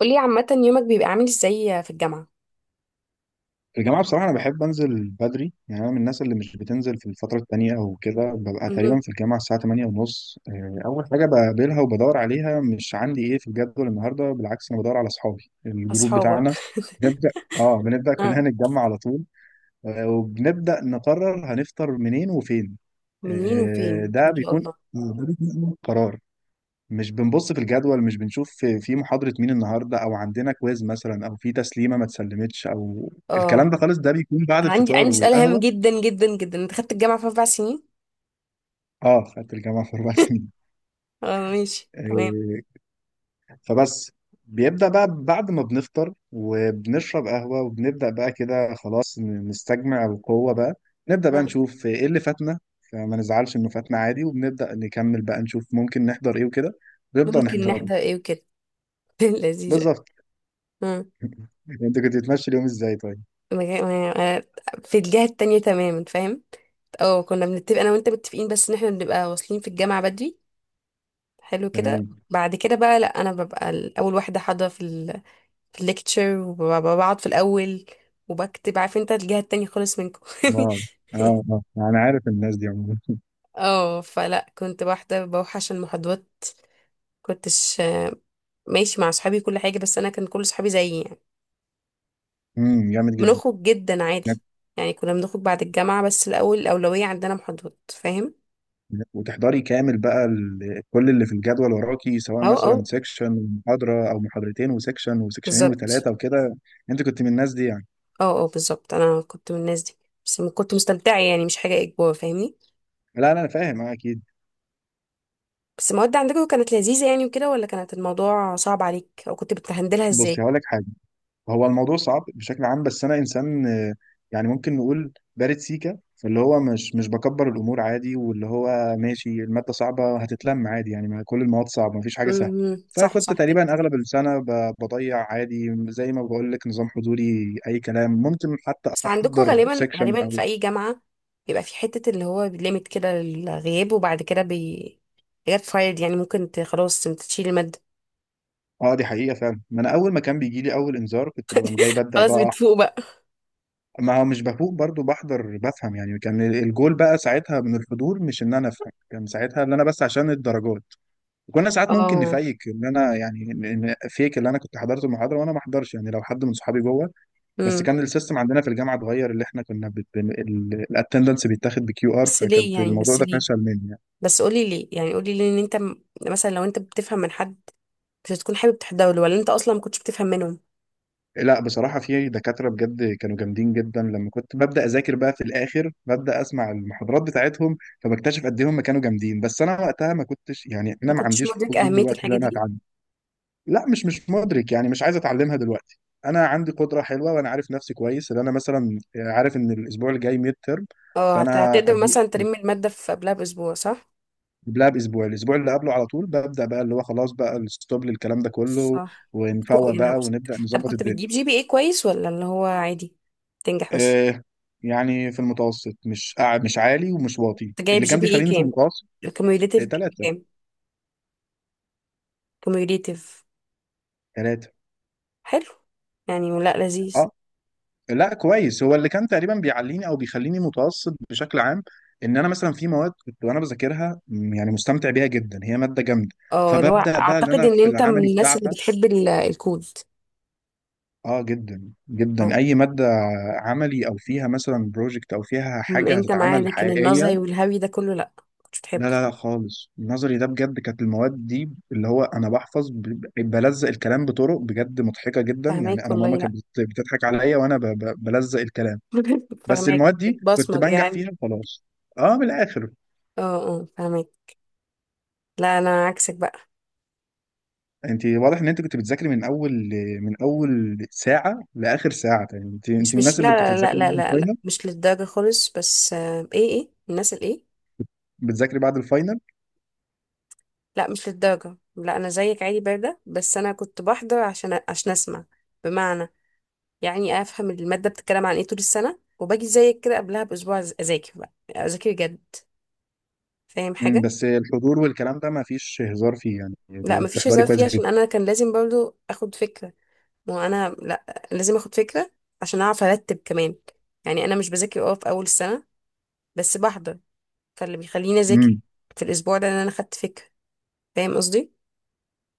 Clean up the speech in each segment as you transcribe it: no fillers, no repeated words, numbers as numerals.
قولي عامة يومك بيبقى عامل ازاي في الجامعة؟ الجامعة بصراحة أنا بحب أنزل بدري، يعني أنا من الناس اللي مش بتنزل في الفترة التانية أو كده. ببقى تقريبا مهم. في الجامعة الساعة تمانية ونص. أول حاجة بقابلها وبدور عليها مش عندي إيه في الجدول النهاردة، بالعكس أنا بدور على أصحابي الجروب أصحابك بتاعنا. بنبدأ آه بنبدأ كلنا آه. نتجمع على طول. وبنبدأ نقرر هنفطر منين وفين. منين آه، وفين؟ ده ما شاء بيكون الله. ده بيكون أول قرار. مش بنبص في الجدول، مش بنشوف في محاضرة مين النهاردة، أو عندنا كويز مثلا، أو في تسليمة ما اتسلمتش، أو الكلام اه، ده خالص. ده بيكون بعد أنا عندي الفطار عندي سؤال هام والقهوة. جدا جدا جدا، أنت خدت الجامعة في 4 سنين؟ اه، خدت الجامعة في أربع سنين. اه ماشي تمام. آه، فبس. بيبدأ بقى بعد ما بنفطر وبنشرب قهوة، وبنبدأ بقى كده خلاص نستجمع القوة بقى. نبدأ بقى مم. نشوف إيه اللي فاتنا، فما نزعلش إنه فاتنا عادي، وبنبدأ نكمل بقى، نشوف ممكن نحضر إيه وكده ونبدأ ممكن نحضره. نحضر ايه وكده. لذيذة. بالظبط. مم. أنت كنت بتمشي اليوم إزاي طيب؟ مجا- ما- في الجهة التانية تماما، فاهم؟ اه، كنا بنتفق أنا وأنت متفقين بس إن احنا بنبقى واصلين في الجامعة بدري. حلو كده. تمام. بعد كده بقى لأ، أنا ببقى أول واحدة حاضرة في ليكتشر وبقعد في الاول وبكتب، عارف انت الجهه التانية خالص منكم. اه اه اه، انا عارف الناس دي عموما. اه، فلا كنت واحده بوحش المحاضرات، كنتش ماشي مع صحابي كل حاجه، بس انا كان كل صحابي زيي يعني. جامد جدا. بنخرج جدا عادي، هناك- يعني كنا بنخرج بعد الجامعه، بس الاول الاولويه عندنا محاضرات، فاهم. هناك. وتحضري كامل بقى كل اللي في الجدول وراكي، سواء اه مثلا اه سيكشن ومحاضرة او محاضرتين وسيكشن وسيكشنين بالظبط. وثلاثة وكده. انت كنت من الناس دي يعني؟ اه اه بالظبط، انا كنت من الناس دي. بس كنت مستمتعه يعني، مش حاجه اجبار، فاهمني. لا لا، انا فاهم، اه اكيد. بس المواد عندكم كانت لذيذه يعني وكده، ولا كانت الموضوع صعب عليك، او كنت بتهندلها بصي ازاي؟ هقول لك حاجة. هو الموضوع صعب بشكل عام، بس انا انسان يعني ممكن نقول بارد سيكا، فاللي هو مش بكبر الامور عادي، واللي هو ماشي الماده صعبه هتتلم عادي. يعني ما كل المواد صعبه، مفيش حاجه سهله. امم، صح فكنت صح كده. تقريبا اغلب السنه بضيع عادي، زي ما بقول لك، نظام حضوري اي كلام. ممكن حتى بس عندكم احضر غالبا سيكشن غالبا او. في اي جامعه بيبقى في حته اللي هو ليميت كده للغياب، وبعد كده بي حاجات فايد، يعني ممكن ت... خلاص انت تشيل الماده. اه، دي حقيقه فعلا. ما انا اول ما كان بيجي لي اول انذار، كنت بقوم جاي ببدا خلاص بقى. بتفوق بقى. ما هو مش بفوق برضو، بحضر بفهم، يعني كان الجول بقى ساعتها من الحضور مش ان انا افهم، كان ساعتها ان انا بس عشان الدرجات. وكنا ساعات ممكن اه. نفيك، ان انا يعني إن فيك اللي انا كنت حضرت المحاضره وانا ما احضرش، يعني لو حد من صحابي جوه. بس امم. كان السيستم عندنا في الجامعه اتغير، اللي احنا كنا الاتندنس بيتاخد بكيو ار، بس ليه فكانت يعني؟ الموضوع بس ده ليه؟ فشل مني يعني. بس قولي ليه يعني، قولي ليه ان مثلا لو انت بتفهم من حد، كنت تكون حابب تحضره له، ولا انت اصلا ما كنتش بتفهم منهم؟ لا بصراحة في دكاترة بجد كانوا جامدين جدا. لما كنت ببدأ أذاكر بقى في الآخر، ببدأ أسمع المحاضرات بتاعتهم، فبكتشف قد إيه هم كانوا جامدين. بس أنا وقتها ما كنتش، يعني أنا ما ما كنتش عنديش مدرك فضول اهميه دلوقتي إن الحاجه أنا دي. أتعلم. لا مش مدرك، يعني مش عايز أتعلمها دلوقتي. أنا عندي قدرة حلوة، وأنا عارف نفسي كويس، إن أنا مثلا عارف إن الأسبوع الجاي ميد ترم. اه، فأنا هتقدر قبل- مثلا تلم الماده في قبلها باسبوع، صح؟ قبلها بأسبوع، الأسبوع اللي قبله على طول ببدأ بقى، اللي هو خلاص بقى الستوب للكلام ده كله. صح. فوق ونفوق يعني بقى بس. ونبدأ طب نظبط كنت الدنيا. بتجيب GPA كويس، ولا اللي هو عادي تنجح بس؟ آه. يعني في المتوسط، مش مش عالي ومش واطي، انت جايب اللي جي كان بي اي بيخليني في كام المتوسط. الكوميوليتيف؟ تلاتة. كام كوميوليتيف؟ تلاتة. حلو، يعني لا لذيذ. اه. لا كويس، هو اللي كان تقريبا بيعليني او بيخليني متوسط بشكل عام. ان انا مثلا في مواد كنت وانا بذاكرها يعني مستمتع بيها جدا، هي مادة جامدة. اه، اللي هو فببدأ بقى ان اعتقد انا ان في انت من العملي الناس اللي بتاعها. بتحب الكود. اه جدا جدا، اه، اي مادة عملي او فيها مثلا بروجكت، او فيها حاجة انت معاه، هتتعمل لكن حقيقية. النظري والهوي ده كله لا، مش لا بتحبه. لا لا خالص، النظري ده بجد كانت المواد دي اللي هو انا بحفظ، بلزق الكلام بطرق بجد مضحكه جدا. يعني فهماك انا والله، ماما لا. كانت بتضحك عليا وانا بلزق الكلام. بس فهماك، المواد دي كنت بتبصمج بنجح يعني. فيها خلاص. اه من الاخر. اه اه، فهماك. لا انا عكسك بقى. انت واضح ان انت كنت بتذاكري من اول، من اول ساعه لاخر ساعه. يعني انت مش من مش الناس اللي كنت لا لا لا بتذاكري لا بعد لا, لا. الفاينل. مش للدرجة خالص، بس ايه ايه الناس الايه. بتذاكري بعد الفاينل؟ لا مش للدرجة، لا أنا زيك عادي باردة، بس أنا كنت بحضر عشان أسمع. بمعنى يعني أفهم المادة بتتكلم عن إيه طول السنة، وباجي زيك كده قبلها بأسبوع أذاكر بقى، أذاكر جد، فاهم حاجة. بس الحضور والكلام ده ما فيش هزار فيه، يعني لا مفيش بتحضري هزار كويس فيه، جدا. عشان أنا كان لازم برضو أخد فكرة، وأنا لا لازم أخد فكرة عشان أعرف أرتب كمان. يعني أنا مش بذاكر أه في أول السنة، بس بحضر، فاللي بيخليني أذاكر في الأسبوع ده إن أنا خدت فكرة، فاهم قصدي؟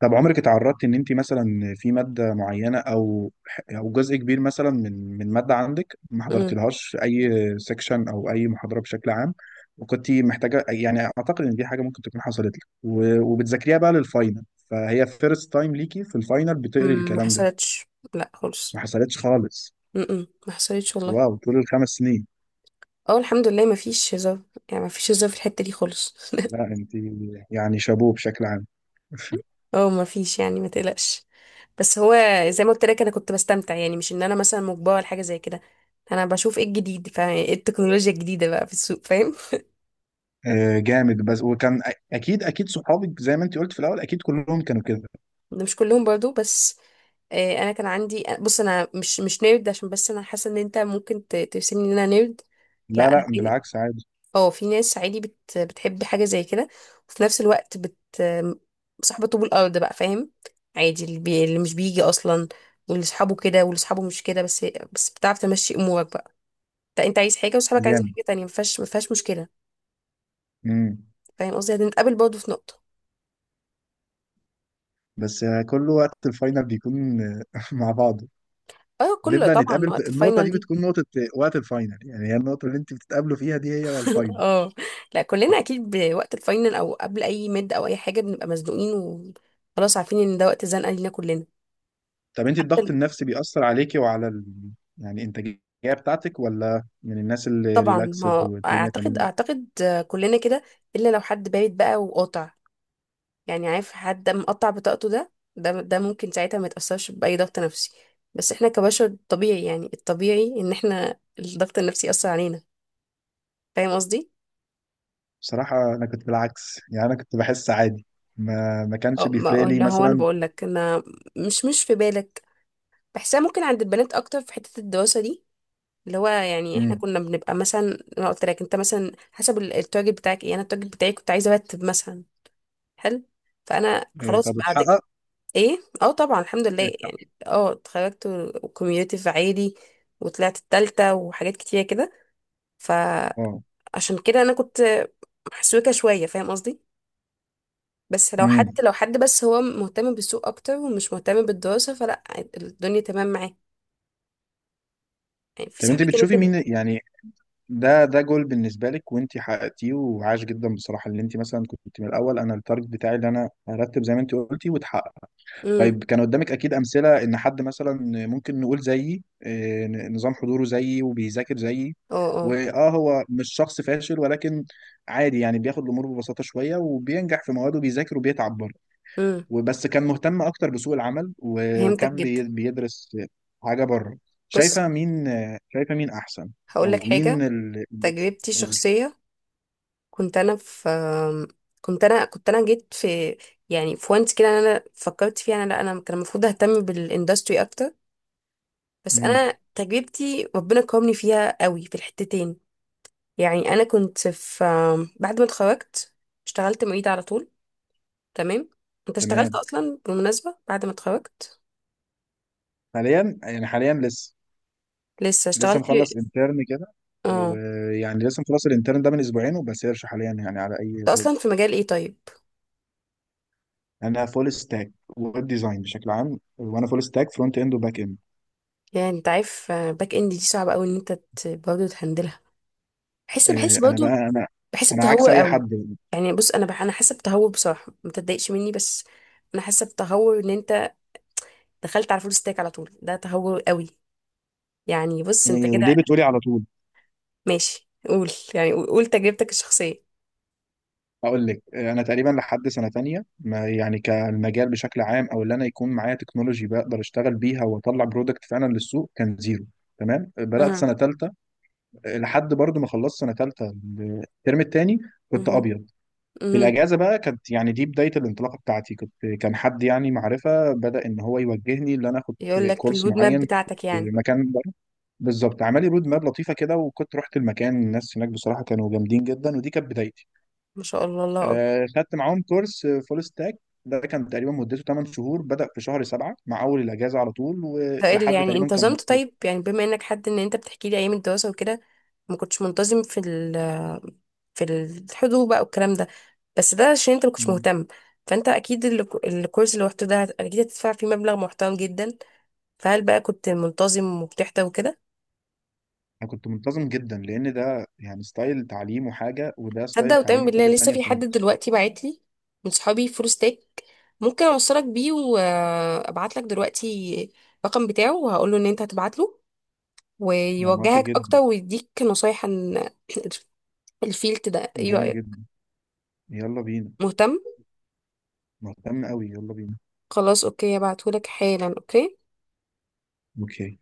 طب عمرك اتعرضتي ان انت مثلا في ماده معينه، او جزء كبير مثلا من ماده عندك ما أمم، حضرتلهاش في اي سيكشن او اي محاضره بشكل عام، وكنت محتاجه؟ يعني اعتقد ان دي حاجه ممكن تكون حصلت لك، وبتذاكريها بقى للفاينل، فهي فيرست تايم ليكي في الفاينل بتقري أمم، ما الكلام ده. حصلتش، لا ما خالص. حصلتش خالص؟ أمم، ما حصلتش والله. واو، طول الخمس سنين. اه، الحمد لله، مفيش هزار يعني، مفيش هزار في الحتة دي خالص. لا انت يعني شابوه بشكل عام. اه مفيش، يعني ما تقلقش. بس هو زي ما قلت لك انا كنت بستمتع، يعني مش ان انا مثلا مجبرة لحاجة زي كده. انا بشوف ايه الجديد، فايه التكنولوجيا الجديدة بقى في السوق، فاهم. جامد. بس وكان اكيد اكيد صحابك زي ما انت قلت في الاول اكيد كلهم كانوا كده. مش كلهم برضو بس. انا كان عندي، بص انا مش نيرد، عشان بس انا حاسة ان انت ممكن ترسمني ان انا نيرد. لا لا. لا، بالعكس عادي. اه، في ناس عادي بت... بتحب حاجة زي كده، وفي نفس الوقت بت صاحبة طوب الأرض بقى، فاهم. عادي اللي, بي... اللي مش بيجي أصلا، واللي صحابه كده، واللي صحابه مش كده، بس بس بتعرف تمشي أمورك بقى. انت انت عايز حاجة وصحابك عايزين جامد. حاجة تانية، مفيهاش مفيهاش مشكلة. امم. فاهم قصدي، هنتقابل برضه في نقطة. بس كل وقت الفاينل بيكون مع بعضه. اه، كله نبدأ طبعا نتقابل في وقت النقطة الفاينل دي، دي. بتكون نقطة وقت الفاينل. يعني هي النقطة اللي انت بتتقابلوا فيها دي، هي الفاينل. اه، لا كلنا اكيد بوقت الفاينل او قبل اي مد او اي حاجه بنبقى مزنوقين، وخلاص عارفين ان ده وقت زنقه لينا كلنا. طب انت الضغط النفسي بيأثر عليكي وعلى يعني الإنتاجية بتاعتك، ولا من الناس اللي طبعا، ريلاكسد ما والدنيا اعتقد تمام؟ اعتقد كلنا كده، الا لو حد بارد بقى وقاطع، يعني عارف حد مقطع بطاقته ده، ممكن ساعتها ما يتأثرش بأي ضغط نفسي. بس احنا كبشر طبيعي، يعني الطبيعي ان احنا الضغط النفسي يأثر علينا، فاهم قصدي؟ بصراحة أنا كنت بالعكس، يعني أنا كنت بحس عادي، ما كانش اه، بيفرق لي اللي هو انا مثلا. بقول لك انا، مش في بالك، بحسها ممكن عند البنات اكتر في حتة الدراسة دي. اللي هو يعني احنا امم. كنا بنبقى مثلا، انا قلت لك انت مثلا حسب التارجت بتاعك ايه، انا التارجت بتاعي كنت عايزه ارتب مثلا. حلو، فانا إيه، طب خلاص بعد اتحقق؟ ايه. اه، طبعا الحمد لله إيه، اتحقق. يعني، اه اتخرجت وكوميونيتي في عادي، وطلعت التالتة وحاجات كتيرة كده. فعشان اه. كده انا كنت محسوكة شوية، فاهم قصدي. بس لو حد، امم. لو حد بس هو مهتم بالسوق اكتر ومش مهتم بالدراسة، فلا، الدنيا تمام معاه، يعني في طب انت صحابي كانوا بتشوفي كده. مين يعني؟ ده جول بالنسبه لك وانت حققتيه، وعاش جدا بصراحه، اللي انت مثلا كنت من الاول، انا التارجت بتاعي اللي انا ارتب زي ما انت قلتي، وتحقق. امم طيب كان قدامك اكيد امثله، ان حد مثلا ممكن نقول زيي، نظام حضوره زيي وبيذاكر زيي، اه اه واه هو مش شخص فاشل، ولكن عادي يعني بياخد الامور ببساطه شويه، وبينجح في مواده، بيذاكر وبيتعب برضه، امم. وبس كان مهتم اكتر بسوق العمل، فهمتك وكان جدا. بيدرس حاجه بره. بص، شايفه مين؟ شايفه مين احسن؟ هقول لك او مين حاجة. اللي يكسب؟ تجربتي قولي. الشخصية، كنت انا في كنت انا جيت في، يعني في وانت كده انا فكرت فيها، انا لا انا كان المفروض اهتم بالاندستري اكتر، بس امم، انا تجربتي ربنا كرمني فيها قوي في الحتتين. يعني انا كنت في، بعد ما اتخرجت اشتغلت معيدة على طول. تمام. انت اشتغلت تمام. اصلا بالمناسبة بعد ما اتخرجت؟ حاليا يعني، حاليا لسه لسه لسه اشتغلت؟ مخلص انترن كده. اه. ويعني لسه مخلص الانترن ده من اسبوعين، وبسيرش حاليا يعني على اي انت جوب. اصلا في مجال ايه طيب؟ انا فول ستاك ويب ديزاين بشكل عام، وانا فول ستاك فرونت اند وباك اند. يعني انت عارف باك اند دي صعبة قوي ان برضه تهندلها. بحس بحس انا بقى، برضه، انا بحس انا عكس بتهور اي قوي. حد. يعني بص انا بح... انا حاسه بتهور بصراحه، ما تتضايقش مني بس. انا حاسه بتهور ان انت دخلت على فول ستاك على طول، ده تهور قوي. يعني بص انت آه، ليه كده. بتقولي على طول؟ ماشي، قول يعني، قول قول تجربتك الشخصيه. اقول لك، انا تقريبا لحد سنه تانية ما يعني كالمجال بشكل عام، او اللي انا يكون معايا تكنولوجي بقدر اشتغل بيها واطلع برودكت فعلا للسوق، كان زيرو. تمام، بدات اها سنه تالتة، لحد برضو ما خلصت سنه تالتة الترم التاني كنت اها ابيض. في اها. الاجازه بقى كانت، يعني دي بدايه الانطلاقه بتاعتي. كنت كان حد يعني معرفه بدا ان هو يوجهني ان انا اخد يقول لك كورس الرود ماب معين بتاعتك في يعني. مكان بره. بالظبط، عمل لي رود ماب لطيفه كده، وكنت رحت المكان، الناس هناك بصراحه كانوا جامدين جدا، ودي كانت بدايتي. ما شاء الله، الله. خدت معاهم كورس فول ستاك. ده كان تقريبا مدته 8 شهور، بدأ في شهر 7 مع أول الأجازة على طول، فقال لي، ولحد يعني تقريبا كان. انتظمت طيب، يعني بما انك حد ان انت بتحكي لي ايام الدراسه وكده ما كنتش منتظم في في الحضور بقى والكلام ده، بس ده عشان انت ما كنتش مهتم. فانت اكيد الكورس اللي رحته ده اكيد هتدفع فيه مبلغ محترم جدا، فهل بقى كنت منتظم وبتحضر وكده؟ أنا كنت منتظم جدا، لأن ده يعني ستايل تعليم وحاجة، وده ستايل تصدق وتؤمن تعليم بالله وحاجة لسه تانية في حد خالص. دلوقتي بعت لي من صحابي فول ستيك، ممكن اوصلك بيه، وابعت لك دلوقتي الرقم بتاعه وهقول له ان انت هتبعت له، يعني موافق ويوجهك جدا. اكتر ويديك نصايح عن الفيلد ده. ايوه جامد ايوه. جدا، يلا بينا. مهتم. مهتم قوي، يلا بينا. خلاص اوكي، هبعتهولك حالا. اوكي. اوكي.